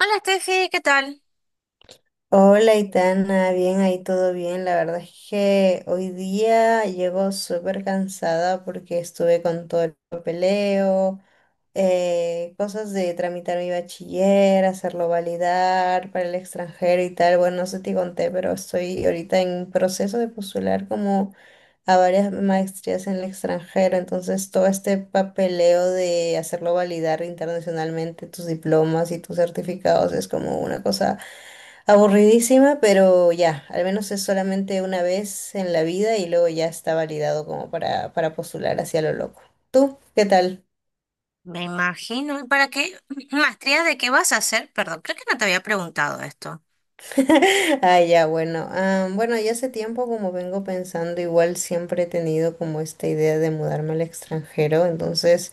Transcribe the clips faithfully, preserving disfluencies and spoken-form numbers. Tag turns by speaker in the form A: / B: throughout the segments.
A: Hola Steffi, ¿qué tal?
B: Hola, Itana, bien ahí, todo bien. La verdad es que hoy día llego súper cansada porque estuve con todo el papeleo, eh, cosas de tramitar mi bachiller, hacerlo validar para el extranjero y tal. Bueno, no sé si te conté, pero estoy ahorita en proceso de postular como a varias maestrías en el extranjero. Entonces, todo este papeleo de hacerlo validar internacionalmente tus diplomas y tus certificados es como una cosa aburridísima, pero ya, al menos es solamente una vez en la vida y luego ya está validado como para, para, postular hacia lo loco. ¿Tú? ¿Qué tal?
A: Me imagino. ¿Y para qué maestría de qué vas a hacer? Perdón, creo que no te había preguntado esto.
B: Ah, ya, bueno. Ah, bueno, ya hace tiempo como vengo pensando, igual siempre he tenido como esta idea de mudarme al extranjero, entonces...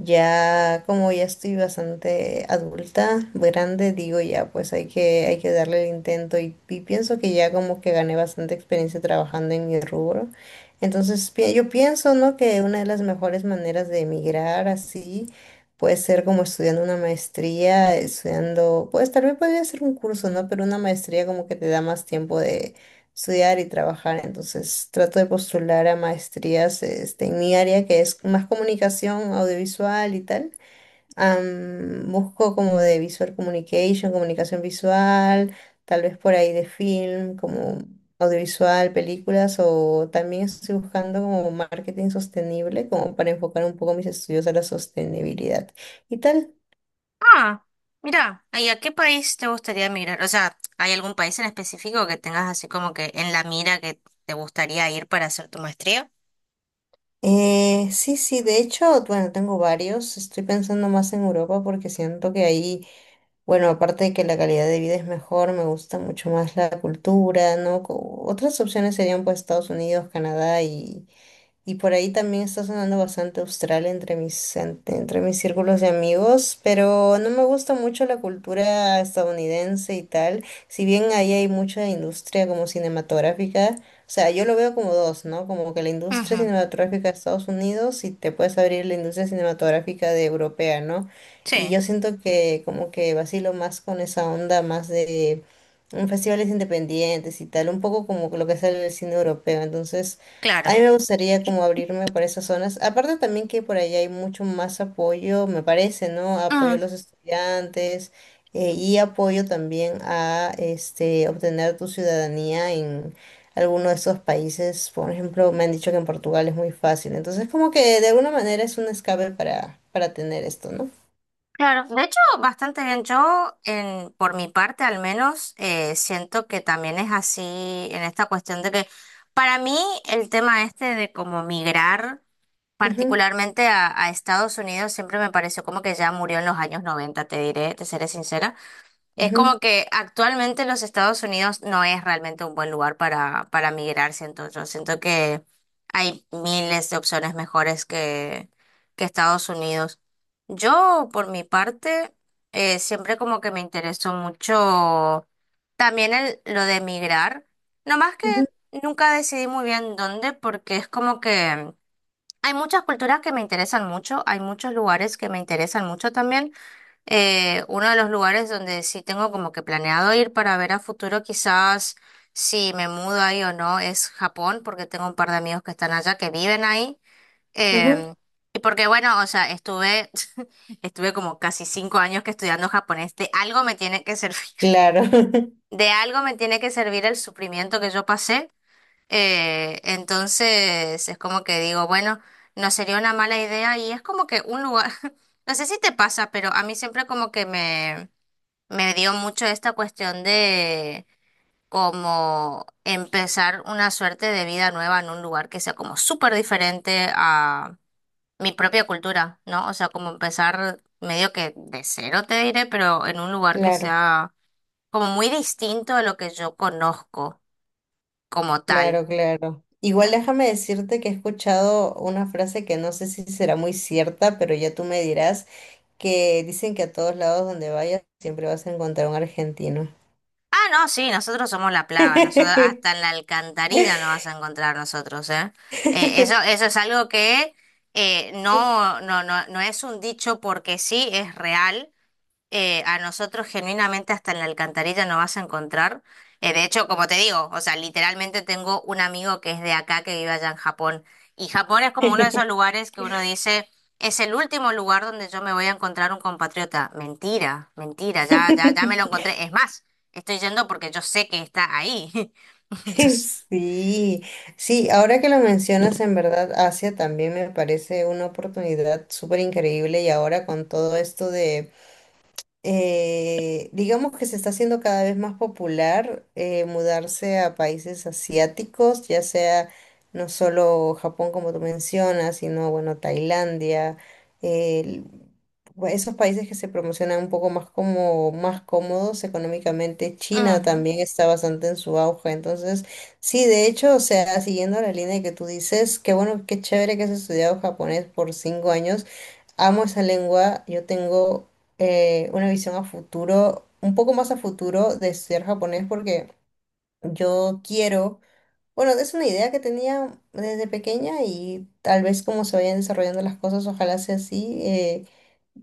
B: Ya como ya estoy bastante adulta, grande, digo ya, pues hay que, hay que darle el intento y, y pienso que ya como que gané bastante experiencia trabajando en mi rubro. Entonces pi- yo pienso, ¿no? Que una de las mejores maneras de emigrar así puede ser como estudiando una maestría, estudiando, pues tal vez podría ser un curso, ¿no? Pero una maestría como que te da más tiempo de estudiar y trabajar. Entonces trato de postular a maestrías este, en mi área, que es más comunicación audiovisual y tal. Am, busco como de visual communication, comunicación visual, tal vez por ahí de film, como audiovisual, películas, o también estoy buscando como marketing sostenible, como para enfocar un poco mis estudios a la sostenibilidad y tal.
A: Ah, mira, ¿y a qué país te gustaría emigrar? O sea, ¿hay algún país en específico que tengas así como que en la mira que te gustaría ir para hacer tu maestría?
B: Eh, sí, sí, de hecho, bueno, tengo varios. Estoy pensando más en Europa porque siento que ahí, bueno, aparte de que la calidad de vida es mejor, me gusta mucho más la cultura, ¿no? Co- Otras opciones serían pues Estados Unidos, Canadá y, y por ahí también está sonando bastante Australia entre mis, en- entre mis círculos de amigos, pero no me gusta mucho la cultura estadounidense y tal. Si bien ahí hay mucha industria como cinematográfica, o sea, yo lo veo como dos, ¿no? Como que la industria
A: Ujú.
B: cinematográfica de Estados Unidos y te puedes abrir la industria cinematográfica de europea, ¿no? Y
A: Sí,
B: yo siento que como que vacilo más con esa onda más de mm, festivales independientes y tal, un poco como lo que sale del cine europeo. Entonces... A
A: claro.
B: mí me gustaría como abrirme por esas zonas. Aparte también que por allá hay mucho más apoyo, me parece, ¿no? Apoyo
A: Mm,
B: a los estudiantes eh, y apoyo también a este, obtener tu ciudadanía en alguno de esos países. Por ejemplo, me han dicho que en Portugal es muy fácil. Entonces, como que de alguna manera es un escape para, para tener esto, ¿no?
A: claro. De hecho, bastante bien. Yo, en, por mi parte al menos, eh, siento que también es así en esta cuestión de que para mí el tema este de cómo migrar.
B: Ujú,
A: Particularmente a, a Estados Unidos siempre me pareció como que ya murió en los años noventa, te diré, te seré sincera. Es
B: ujú,
A: como que actualmente los Estados Unidos no es realmente un buen lugar para, para migrar, siento yo. Siento que hay miles de opciones mejores que, que Estados Unidos. Yo, por mi parte, eh, siempre como que me interesó mucho también el, lo de migrar. No más que
B: ujú,
A: nunca decidí muy bien dónde, porque es como que... Hay muchas culturas que me interesan mucho, hay muchos lugares que me interesan mucho también. Eh, uno de los lugares donde sí tengo como que planeado ir para ver a futuro, quizás si me mudo ahí o no, es Japón, porque tengo un par de amigos que están allá, que viven ahí.
B: ujú.
A: Em, y porque bueno, o sea, estuve, estuve como casi cinco años que estudiando japonés, de algo me tiene que servir,
B: Claro,
A: de algo me tiene que servir el sufrimiento que yo pasé. Eh, entonces es como que digo, bueno, no sería una mala idea y es como que un lugar, no sé si te pasa, pero a mí siempre como que me, me dio mucho esta cuestión de como empezar una suerte de vida nueva en un lugar que sea como súper diferente a mi propia cultura, ¿no? O sea, como empezar medio que de cero te diré, pero en un lugar que
B: claro.
A: sea como muy distinto a lo que yo conozco como tal.
B: Claro, claro. Igual déjame decirte que he escuchado una frase que no sé si será muy cierta, pero ya tú me dirás, que dicen que a todos lados donde vayas siempre vas a encontrar un argentino.
A: Ah, no, sí, nosotros somos la plaga, nosotros hasta en la alcantarilla nos vas a encontrar nosotros, ¿eh? Eh, eso, eso es algo que eh, no, no, no, no es un dicho porque sí, es real. Eh, a nosotros genuinamente hasta en la alcantarilla no vas a encontrar. Eh, de hecho, como te digo, o sea, literalmente tengo un amigo que es de acá, que vive allá en Japón. Y Japón es como uno de esos lugares que uno dice, es el último lugar donde yo me voy a encontrar un compatriota. Mentira, mentira, ya, ya, ya me lo encontré. Es más, estoy yendo porque yo sé que está ahí. Entonces,
B: Sí, sí, ahora que lo mencionas, en verdad, Asia también me parece una oportunidad súper increíble y ahora con todo esto de... eh, digamos que se está haciendo cada vez más popular eh, mudarse a países asiáticos, ya sea no solo Japón como tú mencionas, sino bueno, Tailandia, el- bu- esos países que se promocionan un poco más como más cómodos económicamente. China
A: ujú.
B: también está bastante en su auge, entonces sí, de hecho, o sea, siguiendo la línea que tú dices, qué bueno, qué chévere que has estudiado japonés por cinco años. Amo esa lengua, yo tengo eh, una visión a futuro, un poco más a futuro de ser japonés porque yo quiero, bueno, es una idea que tenía desde pequeña y tal vez como se vayan desarrollando las cosas, ojalá sea así. eh,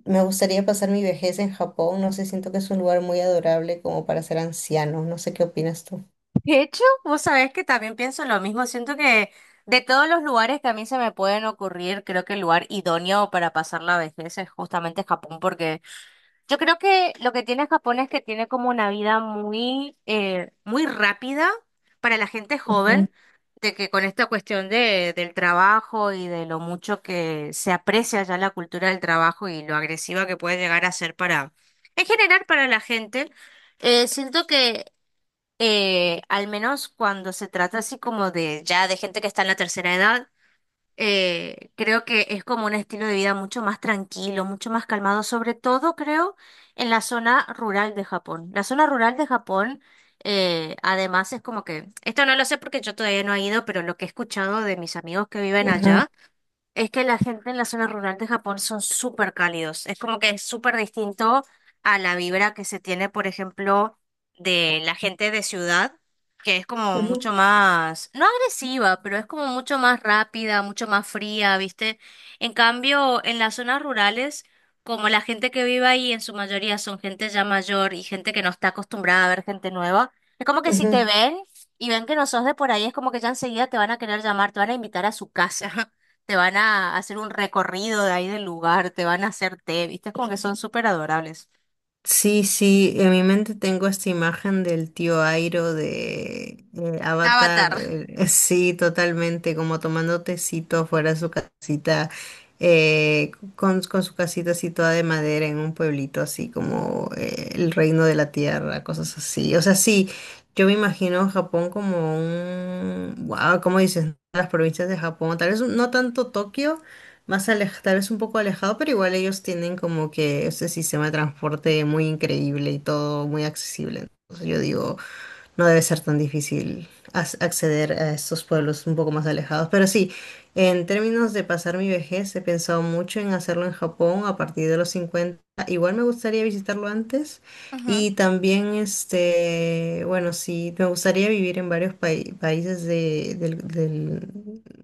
B: Me gustaría pasar mi vejez en Japón, no sé, siento que es un lugar muy adorable como para ser anciano, no sé qué opinas tú.
A: De hecho, vos sabés que también pienso lo mismo. Siento que de todos los lugares que a mí se me pueden ocurrir, creo que el lugar idóneo para pasar la vejez es justamente Japón, porque yo creo que lo que tiene Japón es que tiene como una vida muy, eh, muy rápida para la gente
B: Ujú,
A: joven, de que con esta cuestión de, del trabajo y de lo mucho que se aprecia ya la cultura del trabajo y lo agresiva que puede llegar a ser para, en general, para la gente. Eh, siento que eh, Al menos cuando se trata así como de ya de gente que está en la tercera edad, eh, creo que es como un estilo de vida mucho más tranquilo, mucho más calmado, sobre todo creo en la zona rural de Japón. La zona rural de Japón, eh, además es como que, esto no lo sé porque yo todavía no he ido, pero lo que he escuchado de mis amigos que viven
B: ujú,
A: allá, es que la gente en la zona rural de Japón son súper cálidos. Es como que es súper distinto a la vibra que se tiene, por ejemplo, de la gente de ciudad, que es como mucho
B: ujú,
A: más, no agresiva, pero es como mucho más rápida, mucho más fría, ¿viste? En cambio, en las zonas rurales, como la gente que vive ahí en su mayoría son gente ya mayor y gente que no está acostumbrada a ver gente nueva, es como que si te
B: ujú.
A: ven y ven que no sos de por ahí, es como que ya enseguida te van a querer llamar, te van a invitar a su casa. Te van a hacer un recorrido de ahí del lugar, te van a hacer té, ¿viste? Es como que son súper adorables.
B: Sí, sí, en mi mente tengo esta imagen del tío Airo de eh, Avatar,
A: Avatar.
B: eh, sí, totalmente, como tomando tecito afuera de su casita, eh, con, con, su casita así toda de madera en un pueblito así como eh, el reino de la tierra, cosas así. O sea, sí, yo me imagino Japón como un, wow, ¿cómo dices? Las provincias de Japón, tal vez no tanto Tokio más alejado, tal vez un poco alejado, pero igual ellos tienen como que ese sistema de transporte muy increíble y todo muy accesible. Entonces yo digo, no debe ser tan difícil as- acceder a estos pueblos un poco más alejados. Pero sí, en términos de pasar mi vejez, he pensado mucho en hacerlo en Japón a partir de los cincuenta. Igual me gustaría visitarlo antes
A: Ujú.
B: y también, este, bueno, sí, me gustaría vivir en varios pai- países de- del, del,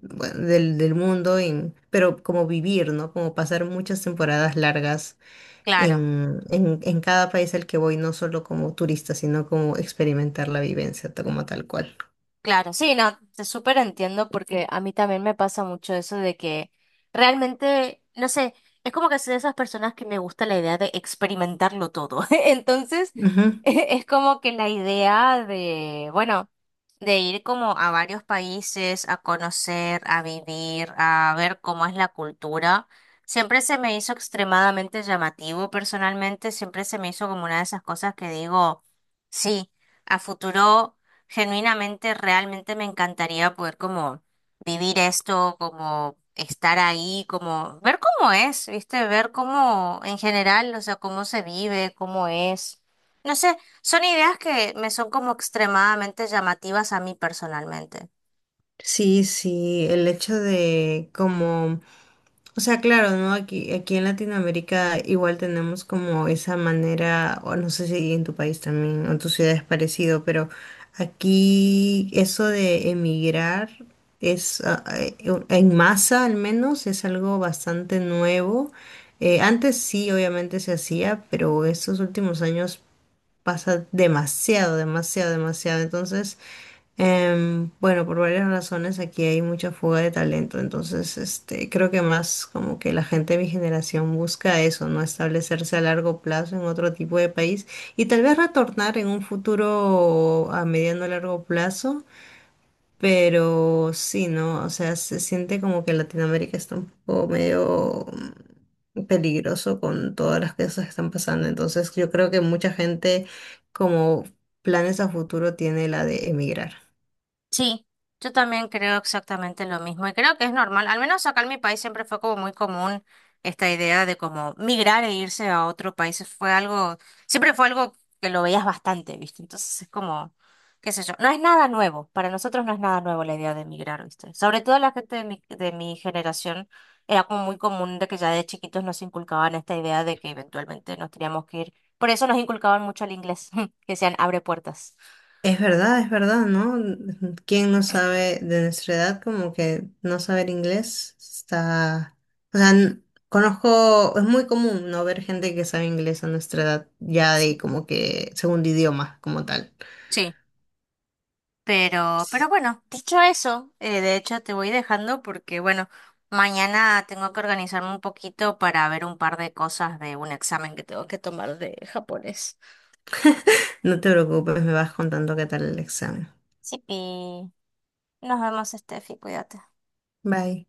B: bueno, del, del mundo, en- pero como vivir, ¿no? Como pasar muchas temporadas largas
A: Claro.
B: en, en, en cada país al que voy, no solo como turista, sino como experimentar la vivencia ta- como tal cual.
A: Claro, sí, no, te súper entiendo porque a mí también me pasa mucho eso de que realmente, no sé, es como que soy de esas personas que me gusta la idea de experimentarlo todo. Entonces,
B: Ujú.
A: e- es como que la idea de, bueno, de ir como a varios países, a conocer, a vivir, a ver cómo es la cultura, siempre se me hizo extremadamente llamativo personalmente, siempre se me hizo como una de esas cosas que digo, sí, a futuro genuinamente, realmente me encantaría poder como vivir esto, como estar ahí, como ver cómo es, ¿viste? Ver cómo en general, o sea, cómo se vive, cómo es. No sé, son ideas que me son como extremadamente llamativas a mí personalmente.
B: Sí, sí, el hecho de como, o sea, claro, ¿no? Aquí, aquí en Latinoamérica igual tenemos como esa manera, o no sé si en tu país también, o en tu ciudad es parecido, pero aquí eso de emigrar es, ah, eh, en masa al menos, es algo bastante nuevo. Eh, antes sí, obviamente se hacía, pero estos últimos años pasa demasiado, demasiado, demasiado. Entonces... Em, bueno, por varias razones aquí hay mucha fuga de talento, entonces este, creo que más como que la gente de mi generación busca eso, ¿no? Establecerse a largo plazo en otro tipo de país y tal vez retornar en un futuro a mediano o largo plazo, pero sí, ¿no? O sea, se siente como que Latinoamérica está un poco medio mm, peligroso con todas las cosas que están pasando, entonces yo creo que mucha gente como planes a futuro tiene la de emigrar.
A: Sí, yo también creo exactamente lo mismo y creo que es normal. Al menos acá en mi país siempre fue como muy común esta idea de como migrar e irse a otro país. Fue algo, siempre fue algo que lo veías bastante, ¿viste? Entonces es como, qué sé yo, no es nada nuevo. Para nosotros no es nada nuevo la idea de migrar, ¿viste? Sobre todo la gente de mi, de mi generación era como muy común de que ya de chiquitos nos inculcaban esta idea de que eventualmente nos teníamos que ir. Por eso nos inculcaban mucho el inglés, que sean abre puertas.
B: Es verdad, es verdad, ¿no? ¿Quién no sabe de nuestra edad como que no saber inglés está... O sea, n- conozco, es muy común no ver gente que sabe inglés a nuestra edad, ya de como que segundo idioma como tal.
A: Sí. Pero,
B: Sí.
A: pero bueno, dicho eso, eh, de hecho te voy dejando porque, bueno, mañana tengo que organizarme un poquito para ver un par de cosas de un examen que tengo que tomar de japonés.
B: No te preocupes, me vas contando qué tal el examen.
A: Sí, pi. Nos vemos, Steffi, cuídate.
B: Bye.